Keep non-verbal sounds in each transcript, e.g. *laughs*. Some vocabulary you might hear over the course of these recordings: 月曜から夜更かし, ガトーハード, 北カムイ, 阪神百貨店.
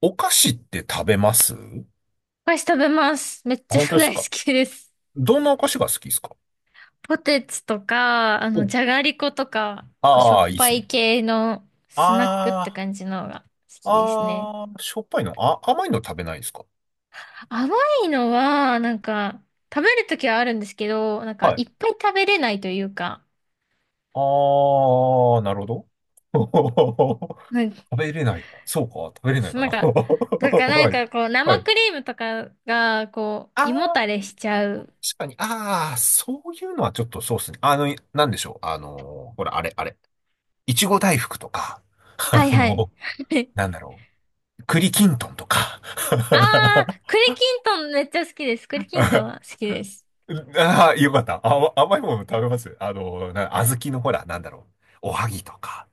お菓子って食べます？お菓子食べます。めっちゃ本当です大好か？きです。どんなお菓子が好きですか？ *laughs* ポテチとか、お、じゃがりことか、結構しょああ、っいいでぱすいね。系のスナックってあ感じのが好ー、きですね。ああ、しょっぱいの、あ、甘いの食べないですか？甘いのは、なんか、食べるときはあるんですけど、なんか、はい。いっぱい食べれないというか、あー、なるほど。*laughs* なんか、食べれないか。そうか、食べれないそうかなな。ん *laughs* か、なんか、なはんい。かこう、は生い。クリームとかが、こう、ああ、胃もたれしちゃう。確かに。ああ、そういうのはちょっとそうですね。なんでしょう。あのほら、あれ、あれ。いちご大福とか、*laughs* はいあはい。の、*laughs* なんだろう。栗きんとんとか。あー、*laughs* 栗きんとんめっちゃ好きです。栗 *laughs* きんとんあは好きです。あー、よかった。あ、甘いもの食べます？小豆のほら、なんだろう。おはぎとか。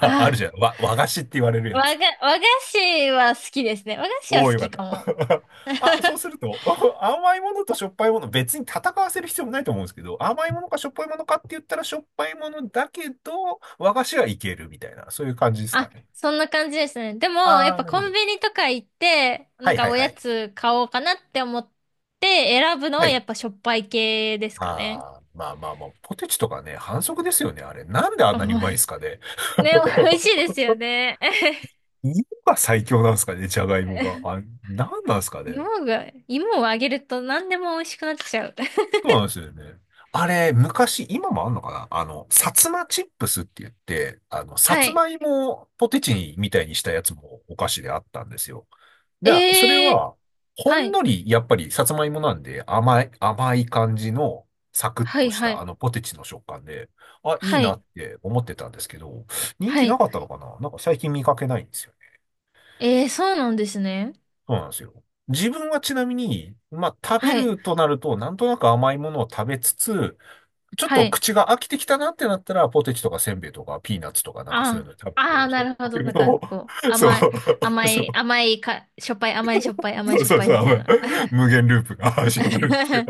あ あるじゃん。ー和菓子って言われるやつ。和菓子は好きですね。和菓子おはお、好よかっきかも。た。*laughs* あ、そうすると、*laughs* 甘いものとしょっぱいもの、別に戦わせる必要もないと思うんですけど、甘いものかしょっぱいものかって言ったらしょっぱいものだけど、和菓子はいけるみたいな、そういう感じですかあ、ね？そんな感じですね。でも、やあっあ、ぱなるコほンど。ビニとか行って、なはんいかはいおはやい。つ買おうかなって思って選ぶのははやい。っぱしょっぱい系ですかね。ああ、まあまあまあ、ポテチとかね、反則ですよね、あれ。なんであんなにうおまいんいすかね？ね、*laughs* 美味しいですよね。芋が最強なんですかね、じゃがいもが。*laughs* あ、なんなんですかね？芋をあげると何でも美味しくなっちゃう。*laughs* そうなんですよね。あれ、昔、今もあんのかな、薩摩チップスって言って、さはつい。まいもをポテチにみたいにしたやつもお菓子であったんですよ。で、それええー、は、ほはんい。のり、やっぱりさつまいもなんで甘い、甘い感じのサクッはとい、しはたあい。のポテチの食感で、あ、いいはなっい。て思ってたんですけど、人は気ない。かったのかな、なんか最近見かけないんですよ。ええー、そうなんですね。そうなんですよ。自分はちなみに、まあ、食べはるい。となると、なんとなく甘いものを食べつつ、ちょっはとい。口が飽きてきたなってなったら、ポテチとかせんべいとかピーナッツとかなんかそういうあの食あ、あべあ、て、しなょっるほぱど。いも な *laughs* んのか、を、こう、そう、甘い、*laughs* そ甘う、そい、甘いか、しょっぱい、甘い、しょっぱい、甘い、う、しょっそう、ぱいそみたいう、な。無限ループが *laughs* 始まるっていう。*laughs*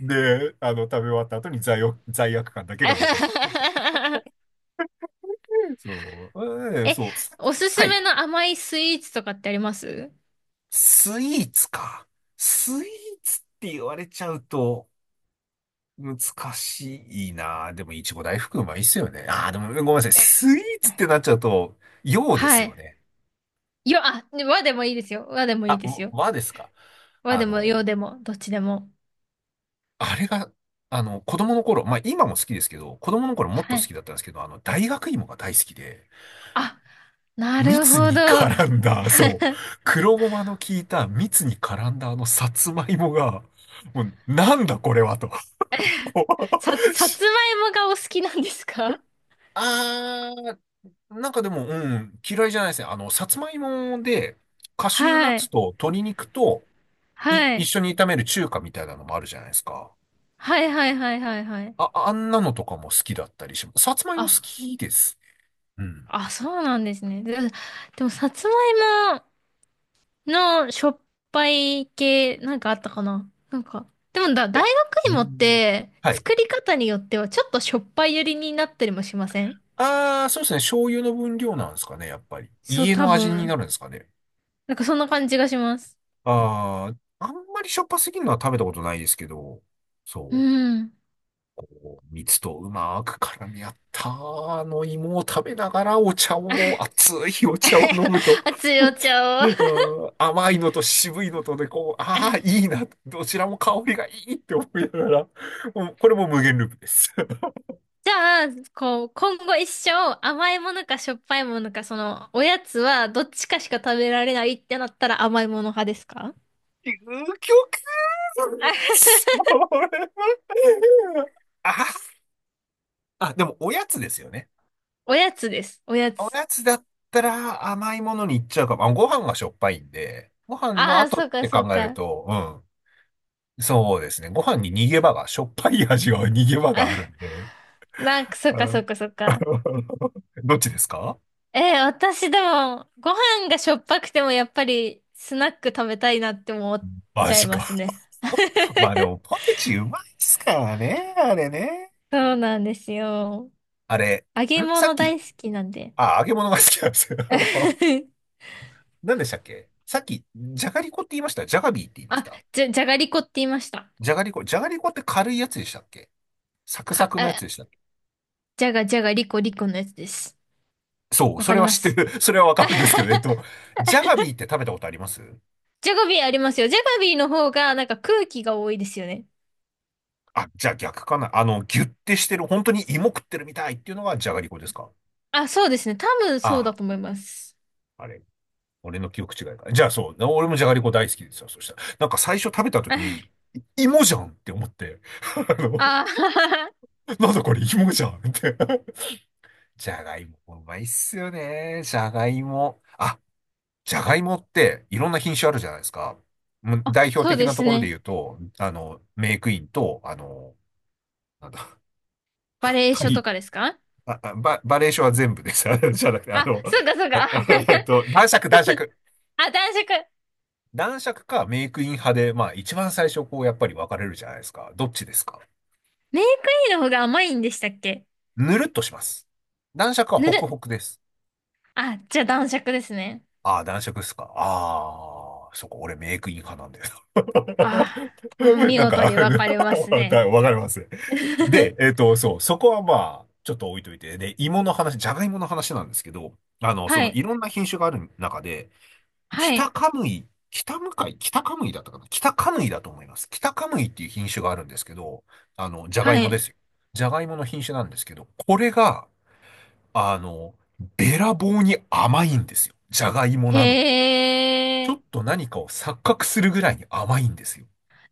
で、食べ終わった後に罪悪感だけが残るっていう。そう、え、そう、おすはすい。めの甘いスイーツとかってあります？スイーツか。スイーツって言われちゃうと、難しいな。でも、いちご大福うまいっすよね。ああ、でも、ごめんなさい。えスイーツってなっちゃうと、洋ですはよい。ね。和でもいいですよ。和でもいあ、いですよ。和ですか？和あでもの、洋でも、どっちでも。あれが、子供の頃、まあ、今も好きですけど、子供の頃もっとは好い。きだったんですけど、大学芋が大好きで、あ、なる蜜ほにど。絡んだ、そう、*laughs* 黒ごまの効いた蜜に絡んだあのさつまいもが、もう、なんだこれはと。*laughs* さつしまいもがお好きなんですか？あーなんかでも、うん、嫌いじゃないですね。さつまいもで、カシューナッはツい。と鶏肉と、は一い。緒に炒める中華みたいなのもあるじゃないですか。はいはいはいはいはい。あ、あんなのとかも好きだったりします。さつまいも好あ、きです。うん。あ、そうなんですね。で、でも、さつまいものしょっぱい系、なんかあったかななんか、でもだ、い大や、う学芋っん。て、はい。作り方によっては、ちょっとしょっぱい寄りになったりもしません？ああ、そうですね。醤油の分量なんですかね、やっぱり。そう、家多の味にな分。るんですかね？なんか、そんな感じがします。ああ、あんまりしょっぱすぎるのは食べたことないですけど、うそう。ん。こう蜜とうまく絡み合ったあの芋を食べながらお茶を、熱いお茶を飲むと、*laughs* 熱 *laughs* いお茶うを。ん、甘いのと渋いのとで、こう、ああ、いいな、どちらも香りがいいって思いながら、もうこれも無限ループです。*laughs* じゃあ、こう、今後一生、甘いものかしょっぱいものか、その、おやつは、どっちかしか食べられないってなったら甘いもの派ですか？ 究極、 *laughs* それは、あ、あ、でもおやつですよね？おやつです。おやおつ。やつだったら甘いものに行っちゃうかも。ご飯がしょっぱいんで、ご飯のああ、後っそうか、てそう考えるか。と、うん。そうですね。ご飯に逃げ場が、しょっぱい味は逃げ場あ、があるんで。なんか、そううか、そうん か、そうか。*laughs*。どっちですか？私でも、ご飯がしょっぱくても、やっぱり、スナック食べたいなって思っマちゃいジますか。ね。まあでも、*laughs* ポテチうまいっすからね、あれね。そうなんですよ。あれ、揚げさっ物き、大好きなんで。あ、揚げ物が好きなんですよ。*laughs* *laughs* 何でしたっけ、さっき、じゃがりこって言いました？じゃがビーって言いましあ、た？じゃがりこって言いました？じゃがりこ、じゃがりこって軽いやつでしたっけ？サクサか、クのやつであ、したっけ？じゃがじゃがりこりこのやつです。そう、わそかれりはま知ってす。る。*laughs* それはわかるんですけど、*laughs* じゃがビーって食べたことあります？ジャガビーありますよ。ジャガビーの方がなんか空気が多いですよね。あ、じゃあ逆かな。ギュッてしてる、本当に芋食ってるみたいっていうのがじゃがりこですか？あ、そうですね。多分そうだあと思います。あ、あれ。俺の記憶違いか。じゃあそう。俺もじゃがりこ大好きですよ。そしたら。なんか最初食べた時に、*laughs* 芋じゃんって思って。*laughs* あの、ああ、なんだこれ芋じゃんって。*laughs* じゃがいも、うまいっすよね。じゃがいも。あ、じゃがいもっていろんな品種あるじゃないですか。もう *laughs* 代表そう的でなとすころでね。言うと、メイクインと、なんだ、バレエ書太とかですか？あ、バ、バリエーションは全部です。*laughs* あのじゃなくて、あ、そうかそうあ、か。*laughs* *laughs* 男爵、男爵。あ、男爵。男爵かメイクイン派で、まあ一番最初こうやっぱり分かれるじゃないですか。どっちですか？メイクインの方が甘いんでしたっけ？ぬるっとします。男爵はぬホクる。ホクです。あ、じゃあ男爵ですね。ああ、男爵ですか？ああ、そこ俺メイクイン派なんだよ。ああ、うん *laughs* 見なんか 事 *laughs* わに分かれますかね。わ *laughs* かりますね。で、*laughs* そう、そこはまあ、ちょっと置いといて。で、芋の話、じゃがいもの話なんですけど、そはのいい。ろんな品種がある中で、は北い。カムイ、北向かい、北カムイだったかな、北カムイだと思います。北カムイっていう品種があるんですけど、ジャガイはモでい。すよ。ジャガイモの品種なんですけど、これが、あの、べらぼうに甘いんですよ。ジャガイモなのに。へちょえ。っと何かを錯覚するぐらいに甘いんですよ。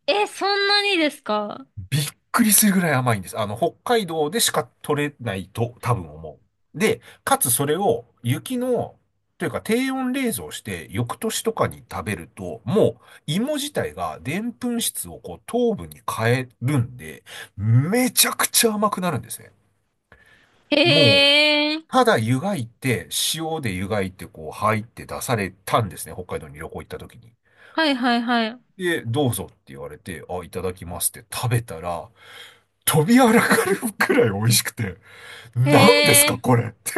え、そんなにですか？びっくりするぐらい甘いんです。北海道でしか取れないと多分思う。で、かつそれを雪の、というか低温冷蔵して翌年とかに食べると、もう芋自体がでんぷん質をこう糖分に変えるんで、めちゃくちゃ甘くなるんですね。もう、へえ。ただ湯がいて、塩で湯がいてこう入って出されたんですね。北海道に旅行行った時に。はいはいはい。で、どうぞって言われて、あ、いただきますって食べたら、飛びあらかるくらい美味しくて、へ何ですかえ。これって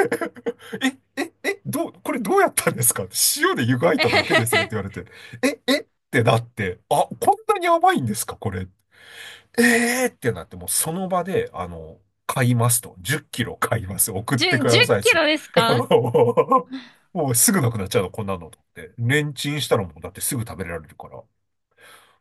*laughs*。え、え、え、どう、これどうやったんですか？塩で湯がいただけですよって言われ *laughs* て、え、えってなって、あ、こんなに甘いんですかこれ。えーってなって、もうその場で、買いますと。10キロ買います。送ってく10ださいっキつっロて。です *laughs* か？もうすぐなくなっちゃうの、こんなのと思って。レンチンしたらもうだってすぐ食べられるから。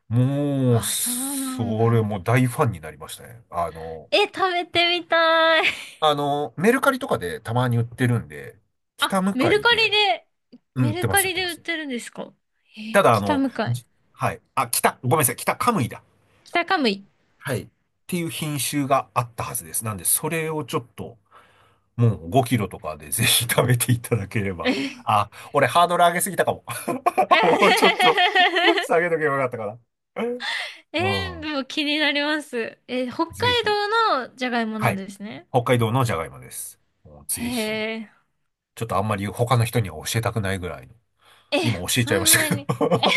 もう、あ、そうなんだ。それもう大ファンになりましたね。え、食べてみたい。メルカリとかでたまに売ってるんで、あ、北向メかルいカリで、で、うん、売メってルまカす、売っリてでま売っす。てるんですか？えたーだ、北向かい。はい。あ、ごめんなさい、北カムイだ。北カムイ。はい。っていう品種があったはずです。なんで、それをちょっと、もう5キロとかでぜひ食べていただけれえば。ー、あ、俺ハードル上げすぎたかも。*laughs* もうちょっと下げとけばよかったかな。うでん。も気になります。北海ぜひ。道のじゃがいもはなんい。ですね。北海道のじゃがいもです。もうへぜひ。え。ちょっとあんまり他の人には教えたくないぐらいの。え、今教えちそゃいまんしたなけど。 に。*laughs*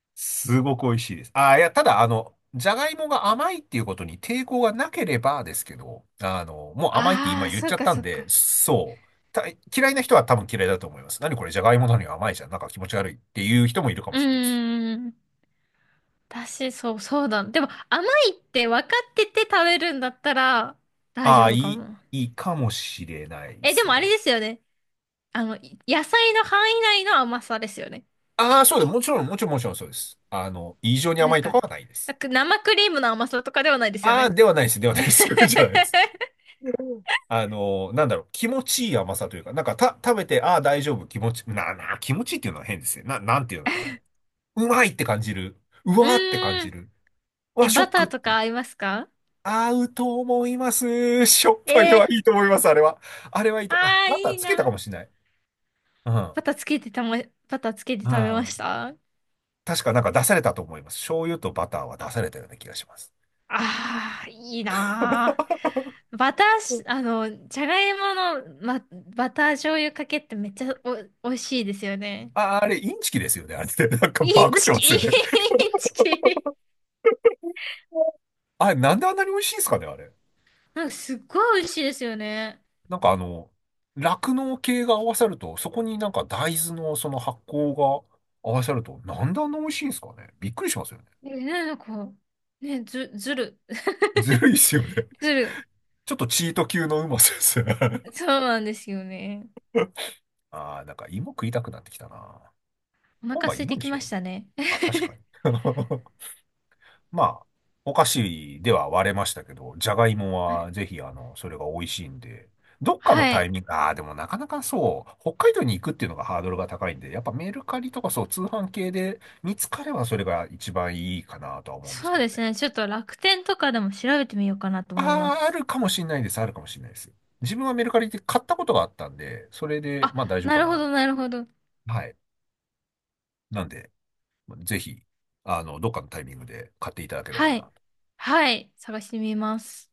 *laughs* すごく美味しいです。あー、いや、ただ、じゃがいもが甘いっていうことに抵抗がなければですけど、もう甘いってあ今あ、言っそちうゃっかたそんうで、か。そう。た嫌いな人は多分嫌いだと思います。何これ、じゃがいもなのに甘いじゃん。なんか気持ち悪いっていう人もいるかもうしれないです。ーん。私、そう、そうだ。でも、甘いって分かってて食べるんだったら大ああ、丈夫かも。いいかもしれないでえ、ですもあれね。ですよね。野菜の範囲内の甘さですよね。ああ、そうです。もちろん、もちろん、もちろんそうです。異常になん甘いとか、かはないでなす。んか生クリームの甘さとかではないですよああ、ね。ではないです。ではないです。*laughs* じゃないです。*laughs* なんだろう、気持ちいい甘さというか、なんかた、食べて、ああ、大丈夫、気持ち、な、な、気持ちいいっていうのは変ですね。なんていうのかな。うまいって感じる。ううわーって感ーじん。る。うえ、わ、ショッバタクっーとていかう。合いますか？合うと思います。しょっぱいのはええいいと思います、あれは。あれはいいー、あと。あ、あ、バターいいつけたかな。もしれない。うん。バターつけてたま、バターつけてう食べましん。た？あ確かなんか出されたと思います。醤油とバターは出されたような気がします。あー、いいな *laughs* ー。バターし、あの、じゃがいもの、バター醤油かけってめっちゃ美味しいですよね。あ、あれ、インチキですよね、あれって。なんかイバングってチまキ、すイよンね。チキ。あれ、なんであんなに美味しいんですかね、あれ。なんかすっごい美味しいですよね。なんかあの、酪農系が合わさると、そこになんか大豆のその発酵が合わさると、なんであんな美味しいんですかね。びっくりしますよね。え、なんか、ね、ずる、*laughs* ずるいっすよね。ず *laughs* る。ちょっとチート級のうまさです。そうなんですよね。*laughs* ああ、なんか芋食いたくなってきたな。お今腹晩空い芋てにきしよましう。たね。あ、確かに。*laughs* まあ、お菓子では割れましたけど、じゃがいもはぜ *laughs* ひ、それが美味しいんで、どっかのはタイい。ミング、ああ、でもなかなかそう、北海道に行くっていうのがハードルが高いんで、やっぱメルカリとかそう、通販系で見つかればそれが一番いいかなとは思うんですそけうどですね。ね。ちょっと楽天とかでも調べてみようかなと思いまああ、あす。るかもしれないです、あるかもしれないです。自分はメルカリで買ったことがあったんで、それで、あ、まあ大丈夫なかるほな。ど、なるほど。はい。なんで、ぜひ、どっかのタイミングで買っていただければはい。な。はい。探してみます。